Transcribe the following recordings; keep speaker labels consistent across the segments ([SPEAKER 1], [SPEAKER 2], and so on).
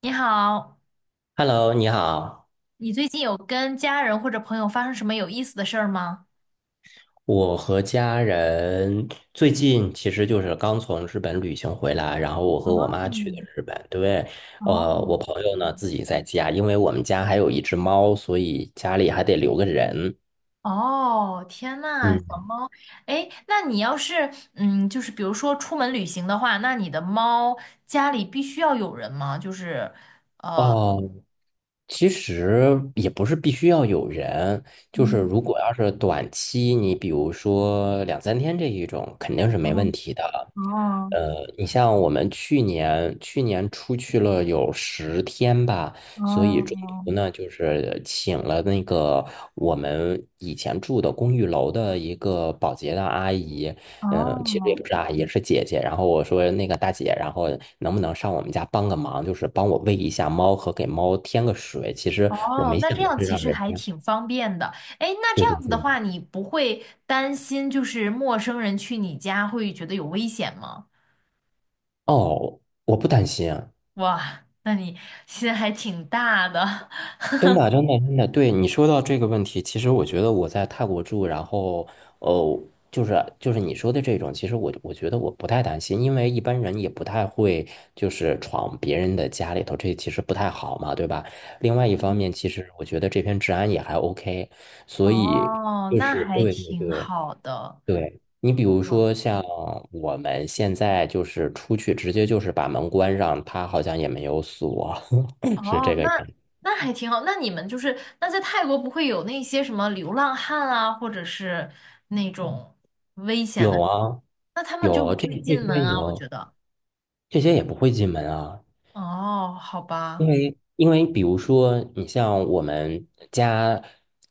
[SPEAKER 1] 你好，
[SPEAKER 2] Hello，你好。
[SPEAKER 1] 你最近有跟家人或者朋友发生什么有意思的事儿吗？
[SPEAKER 2] 我和家人最近其实就是刚从日本旅行回来，然后我和我妈去的
[SPEAKER 1] 嗯。
[SPEAKER 2] 日本。对。
[SPEAKER 1] 哦。
[SPEAKER 2] 我朋友呢自己在家，因为我们家还有一只猫，所以家里还得留个人。
[SPEAKER 1] 哦，天呐，小
[SPEAKER 2] 嗯。
[SPEAKER 1] 猫。哎，那你要是就是比如说出门旅行的话，那你的猫家里必须要有人吗？就是
[SPEAKER 2] 哦。其实也不是必须要有人，就是
[SPEAKER 1] 嗯。
[SPEAKER 2] 如果要是短期，你比如说两三天这一种，肯定是没问
[SPEAKER 1] 哦。
[SPEAKER 2] 题的。
[SPEAKER 1] 哦。
[SPEAKER 2] 你像我们去年出去了有10天吧，所以中
[SPEAKER 1] 哦。
[SPEAKER 2] 途呢，就是请了那个我们以前住的公寓楼的一个保洁的阿姨。嗯，其实也
[SPEAKER 1] 哦。
[SPEAKER 2] 不是阿姨，是姐姐。然后我说那个大姐，然后能不能上我们家帮个忙，就是帮我喂一下猫和给猫添个水。其实我
[SPEAKER 1] 哦，
[SPEAKER 2] 没
[SPEAKER 1] 那
[SPEAKER 2] 想
[SPEAKER 1] 这
[SPEAKER 2] 着
[SPEAKER 1] 样
[SPEAKER 2] 是
[SPEAKER 1] 其
[SPEAKER 2] 让
[SPEAKER 1] 实
[SPEAKER 2] 人
[SPEAKER 1] 还
[SPEAKER 2] 家。
[SPEAKER 1] 挺方便的。哎，那这
[SPEAKER 2] 对对
[SPEAKER 1] 样子的
[SPEAKER 2] 对。
[SPEAKER 1] 话，你不会担心就是陌生人去你家会觉得有危险吗？
[SPEAKER 2] 哦，我不担心。
[SPEAKER 1] 哇，那你心还挺大的。
[SPEAKER 2] 真的，真的，真的。对，你说到这个问题，其实我觉得我在泰国住，然后，呃，就是就是你说的这种，其实我觉得我不太担心，因为一般人也不太会就是闯别人的家里头，这其实不太好嘛，对吧？另外 一方
[SPEAKER 1] 嗯。
[SPEAKER 2] 面，其实我觉得这边治安也还 OK，所以
[SPEAKER 1] 哦，
[SPEAKER 2] 就
[SPEAKER 1] 那
[SPEAKER 2] 是
[SPEAKER 1] 还
[SPEAKER 2] 对对
[SPEAKER 1] 挺
[SPEAKER 2] 对
[SPEAKER 1] 好的。
[SPEAKER 2] 对。你比如说
[SPEAKER 1] 哇。
[SPEAKER 2] 像我们现在就是出去直接就是把门关上，他好像也没有锁。是
[SPEAKER 1] 哦，
[SPEAKER 2] 这个
[SPEAKER 1] 那
[SPEAKER 2] 样子。
[SPEAKER 1] 那还挺好。那你们就是那在泰国不会有那些什么流浪汉啊，或者是那种危险
[SPEAKER 2] 有
[SPEAKER 1] 的，
[SPEAKER 2] 啊。
[SPEAKER 1] 那他们就不
[SPEAKER 2] 有这
[SPEAKER 1] 会
[SPEAKER 2] 这
[SPEAKER 1] 进门
[SPEAKER 2] 些
[SPEAKER 1] 啊，我
[SPEAKER 2] 有
[SPEAKER 1] 觉得。
[SPEAKER 2] 这些也不会进门啊，
[SPEAKER 1] 哦，好
[SPEAKER 2] 因
[SPEAKER 1] 吧。
[SPEAKER 2] 为因为比如说，你像我们家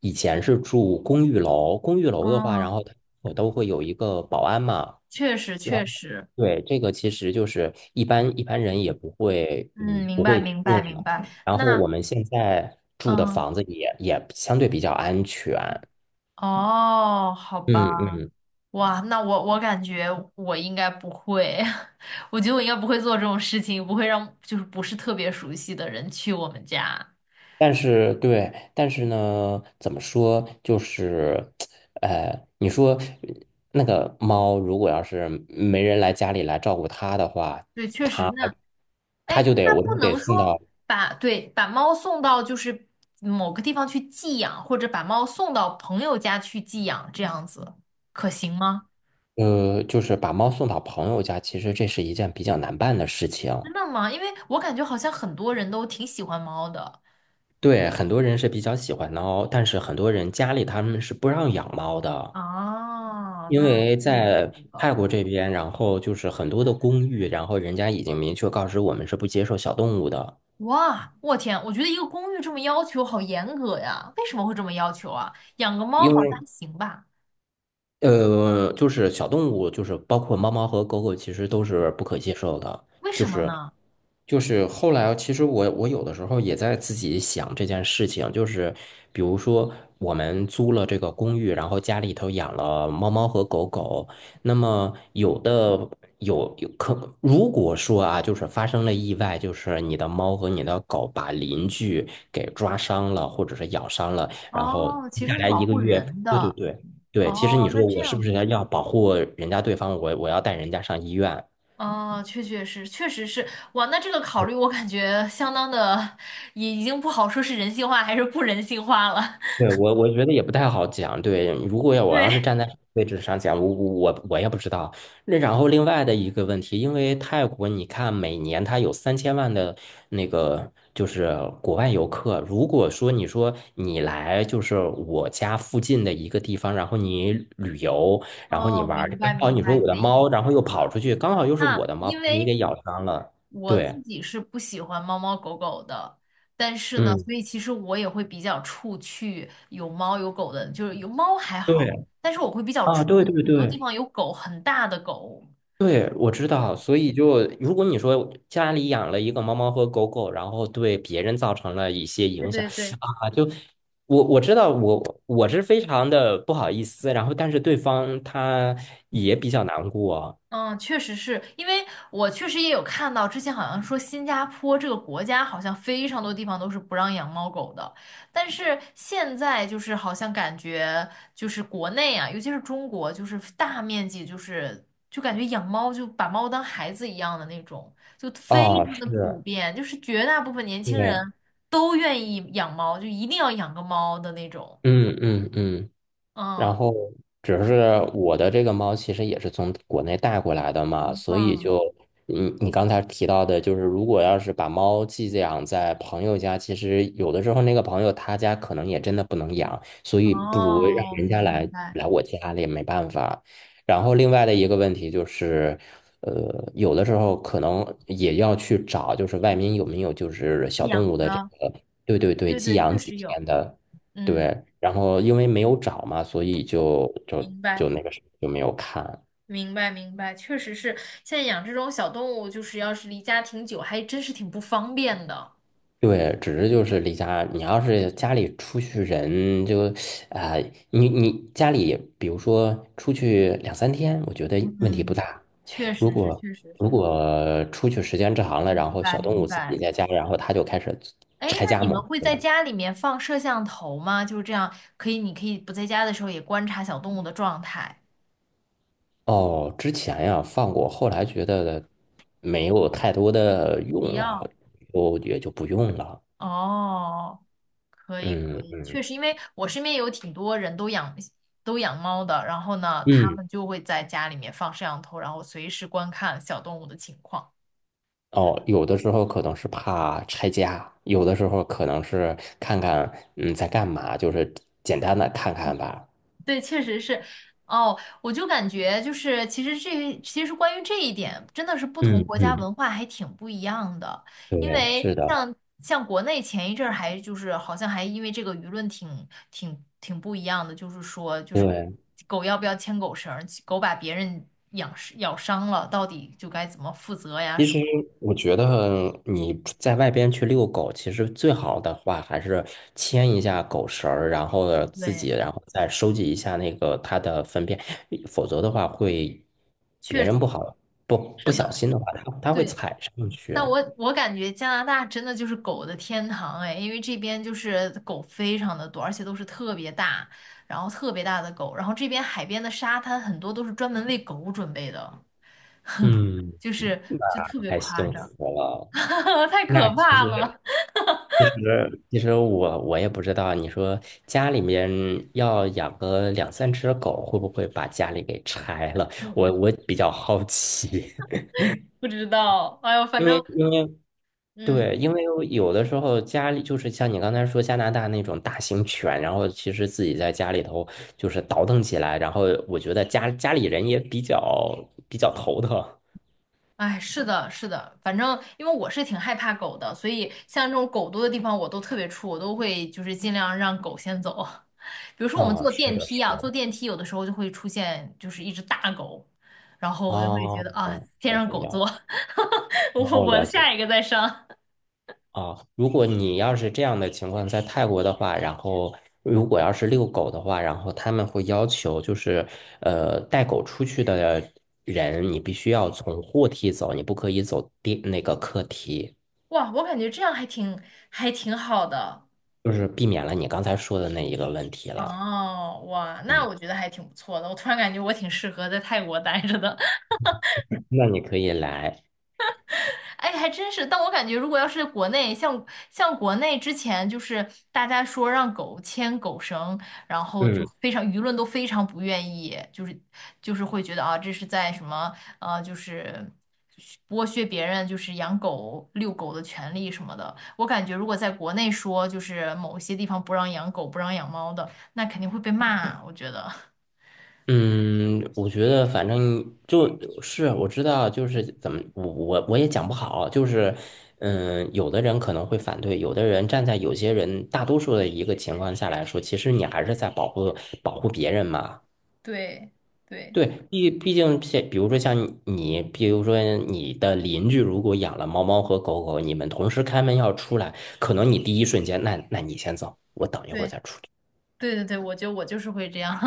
[SPEAKER 2] 以前是住公寓楼，公寓楼的话，然
[SPEAKER 1] 嗯，
[SPEAKER 2] 后我都会有一个保安嘛。
[SPEAKER 1] 确实
[SPEAKER 2] 然后
[SPEAKER 1] 确实。
[SPEAKER 2] 对，这个其实就是一般人也不会，
[SPEAKER 1] 嗯，明
[SPEAKER 2] 不
[SPEAKER 1] 白
[SPEAKER 2] 会
[SPEAKER 1] 明
[SPEAKER 2] 进
[SPEAKER 1] 白明
[SPEAKER 2] 了。
[SPEAKER 1] 白。
[SPEAKER 2] 然后
[SPEAKER 1] 那
[SPEAKER 2] 我们现在住的
[SPEAKER 1] 嗯。
[SPEAKER 2] 房子也相对比较安全。
[SPEAKER 1] 哦，好吧。
[SPEAKER 2] 嗯嗯。
[SPEAKER 1] 哇，那我感觉我应该不会。我觉得我应该不会做这种事情，不会让就是不是特别熟悉的人去我们家。
[SPEAKER 2] 但是对，但是呢，怎么说，就是，你说那个猫，如果要是没人来家里来照顾它的话，
[SPEAKER 1] 对，确实
[SPEAKER 2] 它
[SPEAKER 1] 那。哎，
[SPEAKER 2] 它就得，
[SPEAKER 1] 那
[SPEAKER 2] 我就
[SPEAKER 1] 不
[SPEAKER 2] 得
[SPEAKER 1] 能
[SPEAKER 2] 送
[SPEAKER 1] 说
[SPEAKER 2] 到。
[SPEAKER 1] 把对把猫送到就是某个地方去寄养，或者把猫送到朋友家去寄养，这样子可行吗？
[SPEAKER 2] 就是把猫送到朋友家，其实这是一件比较难办的事情。
[SPEAKER 1] 真的吗？因为我感觉好像很多人都挺喜欢猫的。
[SPEAKER 2] 对，很多人是比较喜欢猫，但是很多人家里他们是不让养猫的。
[SPEAKER 1] 啊，
[SPEAKER 2] 因
[SPEAKER 1] 那
[SPEAKER 2] 为
[SPEAKER 1] 确实。
[SPEAKER 2] 在泰国这边，然后就是很多的公寓，然后人家已经明确告知我们是不接受小动物的，
[SPEAKER 1] 哇，我天，我觉得一个公寓这么要求好严格呀，为什么会这么要求啊？养个猫
[SPEAKER 2] 因
[SPEAKER 1] 好像
[SPEAKER 2] 为
[SPEAKER 1] 还行吧？
[SPEAKER 2] 就是小动物，就是包括猫猫和狗狗，其实都是不可接受的。
[SPEAKER 1] 为
[SPEAKER 2] 就
[SPEAKER 1] 什么
[SPEAKER 2] 是
[SPEAKER 1] 呢？
[SPEAKER 2] 就是后来，其实我有的时候也在自己想这件事情，就是比如说我们租了这个公寓，然后家里头养了猫猫和狗狗，那么有的有有可，如果说啊，就是发生了意外，就是你的猫和你的狗把邻居给抓伤了，或者是咬伤了，然后
[SPEAKER 1] 哦，其
[SPEAKER 2] 接
[SPEAKER 1] 实
[SPEAKER 2] 下
[SPEAKER 1] 它是
[SPEAKER 2] 来一
[SPEAKER 1] 保
[SPEAKER 2] 个
[SPEAKER 1] 护
[SPEAKER 2] 月。
[SPEAKER 1] 人的。
[SPEAKER 2] 对对对。对，其实你
[SPEAKER 1] 哦，那
[SPEAKER 2] 说
[SPEAKER 1] 这
[SPEAKER 2] 我是不
[SPEAKER 1] 样。
[SPEAKER 2] 是要保护人家对方，我要带人家上医院？
[SPEAKER 1] 哦，确确实，确实是。哇，那这个考虑我感觉相当的，已已经不好说是人性化还是不人性化了。
[SPEAKER 2] 对，我觉得也不太好讲。对，如果我要是
[SPEAKER 1] 对。
[SPEAKER 2] 站在位置上讲，我也不知道。那然后另外的一个问题，因为泰国你看每年它有3000万的那个就是国外游客，如果说你说你来就是我家附近的一个地方，然后你旅游，然后你
[SPEAKER 1] 哦，
[SPEAKER 2] 玩儿，
[SPEAKER 1] 明
[SPEAKER 2] 刚
[SPEAKER 1] 白
[SPEAKER 2] 好
[SPEAKER 1] 明
[SPEAKER 2] 你说
[SPEAKER 1] 白
[SPEAKER 2] 我
[SPEAKER 1] 你的
[SPEAKER 2] 的
[SPEAKER 1] 意
[SPEAKER 2] 猫，然后又跑
[SPEAKER 1] 思。
[SPEAKER 2] 出去，刚好又是
[SPEAKER 1] 那
[SPEAKER 2] 我的猫，
[SPEAKER 1] 因
[SPEAKER 2] 你
[SPEAKER 1] 为
[SPEAKER 2] 给咬伤了。
[SPEAKER 1] 我
[SPEAKER 2] 对。
[SPEAKER 1] 自己是不喜欢猫猫狗狗的，但是呢，
[SPEAKER 2] 嗯。
[SPEAKER 1] 所以其实我也会比较怵去有猫有狗的，就是有猫还好，
[SPEAKER 2] 对
[SPEAKER 1] 但是我会比较
[SPEAKER 2] 啊，
[SPEAKER 1] 怵
[SPEAKER 2] 对对
[SPEAKER 1] 很多地
[SPEAKER 2] 对
[SPEAKER 1] 方有狗，很大的狗。
[SPEAKER 2] 对，我知
[SPEAKER 1] 对，
[SPEAKER 2] 道。所以就如果你说家里养了一个猫猫和狗狗，然后对别人造成了一些
[SPEAKER 1] 对
[SPEAKER 2] 影响
[SPEAKER 1] 对对。
[SPEAKER 2] 啊，就我知道我是非常的不好意思，然后但是对方他也比较难过。
[SPEAKER 1] 嗯，确实是因为我确实也有看到，之前好像说新加坡这个国家好像非常多地方都是不让养猫狗的，但是现在就是好像感觉就是国内啊，尤其是中国，就是大面积就是就感觉养猫就把猫当孩子一样的那种，就非
[SPEAKER 2] 啊，
[SPEAKER 1] 常的普
[SPEAKER 2] 是。
[SPEAKER 1] 遍，就是绝大部分年轻
[SPEAKER 2] 对。
[SPEAKER 1] 人都愿意养猫，就一定要养个猫的那种。
[SPEAKER 2] 嗯嗯嗯。然
[SPEAKER 1] 嗯
[SPEAKER 2] 后只是我的这个猫其实也是从国内带过来的嘛，所以
[SPEAKER 1] 嗯。
[SPEAKER 2] 就你刚才提到的，就是如果要是把猫寄养在朋友家，其实有的时候那个朋友他家可能也真的不能养，所以不如让
[SPEAKER 1] 哦，
[SPEAKER 2] 人家
[SPEAKER 1] 明
[SPEAKER 2] 来
[SPEAKER 1] 白，
[SPEAKER 2] 来我家里，没办法。然后另外的一个问题就是。有的时候可能也要去找，就是外面有没有就是小动
[SPEAKER 1] 养
[SPEAKER 2] 物的这
[SPEAKER 1] 的，
[SPEAKER 2] 个。对对对，
[SPEAKER 1] 对
[SPEAKER 2] 寄
[SPEAKER 1] 对，
[SPEAKER 2] 养
[SPEAKER 1] 确
[SPEAKER 2] 几
[SPEAKER 1] 实有。
[SPEAKER 2] 天的。
[SPEAKER 1] 嗯，
[SPEAKER 2] 对，然后因为没有找嘛，所以就就
[SPEAKER 1] 明白，
[SPEAKER 2] 就那个什么就没有看。
[SPEAKER 1] 明白，明白，确实是，现在养这种小动物，就是要是离家挺久，还真是挺不方便的。
[SPEAKER 2] 对，只是就是离家，你要是家里出去人就，啊、你家里比如说出去两三天，我觉得问题不
[SPEAKER 1] 嗯，
[SPEAKER 2] 大。
[SPEAKER 1] 确
[SPEAKER 2] 如
[SPEAKER 1] 实是，
[SPEAKER 2] 果
[SPEAKER 1] 确实
[SPEAKER 2] 如
[SPEAKER 1] 是，
[SPEAKER 2] 果出去时间长了，
[SPEAKER 1] 明
[SPEAKER 2] 然后
[SPEAKER 1] 白，
[SPEAKER 2] 小动物
[SPEAKER 1] 明
[SPEAKER 2] 自己
[SPEAKER 1] 白。
[SPEAKER 2] 在家，然后它就开始
[SPEAKER 1] 哎，
[SPEAKER 2] 拆
[SPEAKER 1] 那
[SPEAKER 2] 家
[SPEAKER 1] 你
[SPEAKER 2] 模
[SPEAKER 1] 们会
[SPEAKER 2] 式
[SPEAKER 1] 在
[SPEAKER 2] 了。
[SPEAKER 1] 家里面放摄像头吗？就是这样，可以，你可以不在家的时候也观察小动物的状态。
[SPEAKER 2] 哦，之前呀放过，后来觉得没有太多的用
[SPEAKER 1] 必
[SPEAKER 2] 了，
[SPEAKER 1] 要。
[SPEAKER 2] 就也就不用了。
[SPEAKER 1] 哦，可以，
[SPEAKER 2] 嗯
[SPEAKER 1] 可以，
[SPEAKER 2] 嗯
[SPEAKER 1] 确实，因为我身边有挺多人都养都养猫的，然后呢，他
[SPEAKER 2] 嗯。
[SPEAKER 1] 们就会在家里面放摄像头，然后随时观看小动物的情况。
[SPEAKER 2] 哦，有的时候可能是怕拆家，有的时候可能是看看在干嘛，就是简单的看看吧。
[SPEAKER 1] 对，确实是。哦，我就感觉就是，其实这其实关于这一点，真的是不同
[SPEAKER 2] 嗯
[SPEAKER 1] 国家
[SPEAKER 2] 嗯。
[SPEAKER 1] 文化还挺不一样的。因
[SPEAKER 2] 对，
[SPEAKER 1] 为
[SPEAKER 2] 是的。
[SPEAKER 1] 像像国内前一阵儿还就是好像还因为这个舆论挺挺挺不一样的，就是说就是
[SPEAKER 2] 对。
[SPEAKER 1] 狗要不要牵狗绳儿，狗把别人养咬伤了，到底就该怎么负责呀
[SPEAKER 2] 其
[SPEAKER 1] 什么？
[SPEAKER 2] 实我觉得你在外边去遛狗，其实最好的话还是牵一下狗绳儿，然后自
[SPEAKER 1] 对，
[SPEAKER 2] 己，然后再收集一下那个它的粪便，否则的话会
[SPEAKER 1] 确
[SPEAKER 2] 别人
[SPEAKER 1] 实
[SPEAKER 2] 不好，不不
[SPEAKER 1] 是
[SPEAKER 2] 小
[SPEAKER 1] 的，
[SPEAKER 2] 心的话，它它会
[SPEAKER 1] 对。
[SPEAKER 2] 踩上去。
[SPEAKER 1] 但我感觉加拿大真的就是狗的天堂哎，因为这边就是狗非常的多，而且都是特别大，然后特别大的狗，然后这边海边的沙滩很多都是专门为狗准备的，
[SPEAKER 2] 嗯。
[SPEAKER 1] 就是就特别
[SPEAKER 2] 太
[SPEAKER 1] 夸
[SPEAKER 2] 幸
[SPEAKER 1] 张。
[SPEAKER 2] 福了。
[SPEAKER 1] 太
[SPEAKER 2] 那
[SPEAKER 1] 可怕了。
[SPEAKER 2] 其实我也不知道，你说家里面要养个两三只狗，会不会把家里给拆了？我比较好奇。
[SPEAKER 1] 不知道，哎呦，反
[SPEAKER 2] 因
[SPEAKER 1] 正
[SPEAKER 2] 为因为
[SPEAKER 1] 嗯。
[SPEAKER 2] 对，因为有的时候家里就是像你刚才说加拿大那种大型犬，然后其实自己在家里头就是倒腾起来，然后我觉得家里人也比较头疼。
[SPEAKER 1] 哎，是的，是的，反正因为我是挺害怕狗的，所以像这种狗多的地方我都特别怵，我都会就是尽量让狗先走。比如说我们
[SPEAKER 2] 哦，
[SPEAKER 1] 坐
[SPEAKER 2] 是
[SPEAKER 1] 电
[SPEAKER 2] 的，
[SPEAKER 1] 梯
[SPEAKER 2] 是
[SPEAKER 1] 啊，坐
[SPEAKER 2] 的。
[SPEAKER 1] 电梯有的时候就会出现就是一只大狗，然后我就会觉
[SPEAKER 2] 哦。
[SPEAKER 1] 得啊，
[SPEAKER 2] 嗯，
[SPEAKER 1] 先
[SPEAKER 2] 了
[SPEAKER 1] 让
[SPEAKER 2] 解
[SPEAKER 1] 狗
[SPEAKER 2] 了解。
[SPEAKER 1] 坐。我
[SPEAKER 2] 哦，
[SPEAKER 1] 我
[SPEAKER 2] 了解。
[SPEAKER 1] 下一个再上。
[SPEAKER 2] 啊，如果你要是这样的情况在泰国的话，然后如果要是遛狗的话，然后他们会要求就是，带狗出去的人，你必须要从货梯走，你不可以走地那个客梯，
[SPEAKER 1] 哇，我感觉这样还挺还挺好的。
[SPEAKER 2] 就是避免了你刚才说的那一个问题了。
[SPEAKER 1] 哦，哇，那
[SPEAKER 2] 嗯，
[SPEAKER 1] 我觉得还挺不错的。我突然感觉我挺适合在泰国待着的。
[SPEAKER 2] 那你可以来。
[SPEAKER 1] 哎，还真是。但我感觉，如果要是国内，像像国内之前，就是大家说让狗牵狗绳，然后就
[SPEAKER 2] 嗯。
[SPEAKER 1] 非常舆论都非常不愿意，就是就是会觉得啊，这是在什么就是剥削别人，就是养狗遛狗的权利什么的。我感觉，如果在国内说，就是某些地方不让养狗、不让养猫的，那肯定会被骂。我觉得。
[SPEAKER 2] 嗯，我觉得反正就是我知道，就是怎么我也讲不好，就是有的人可能会反对，有的人站在有些人大多数的一个情况下来说，其实你还是在保护别人嘛。
[SPEAKER 1] 对对，
[SPEAKER 2] 对，毕竟像比如说像你，比如说你的邻居如果养了猫猫和狗狗，你们同时开门要出来，可能你第一瞬间，那你先走，我等一会儿
[SPEAKER 1] 对
[SPEAKER 2] 再出去。
[SPEAKER 1] 对对对，我觉得我就是会这样。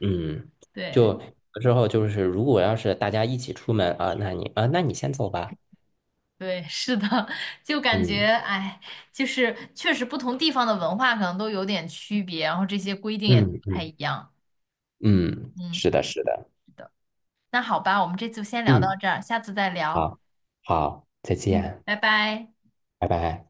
[SPEAKER 2] 嗯。
[SPEAKER 1] 对。
[SPEAKER 2] 就之后就是，如果要是大家一起出门啊，那你先走吧。
[SPEAKER 1] 对，是的。就感觉，
[SPEAKER 2] 嗯
[SPEAKER 1] 哎，就是确实不同地方的文化可能都有点区别，然后这些规定也不
[SPEAKER 2] 嗯
[SPEAKER 1] 太
[SPEAKER 2] 嗯
[SPEAKER 1] 一样。
[SPEAKER 2] 嗯，
[SPEAKER 1] 嗯，
[SPEAKER 2] 是的，是的。
[SPEAKER 1] 是的。那好吧，我们这次先聊到
[SPEAKER 2] 嗯。
[SPEAKER 1] 这儿，下次再聊。
[SPEAKER 2] 好。好，再
[SPEAKER 1] 嗯，
[SPEAKER 2] 见。
[SPEAKER 1] 拜拜。
[SPEAKER 2] 拜拜。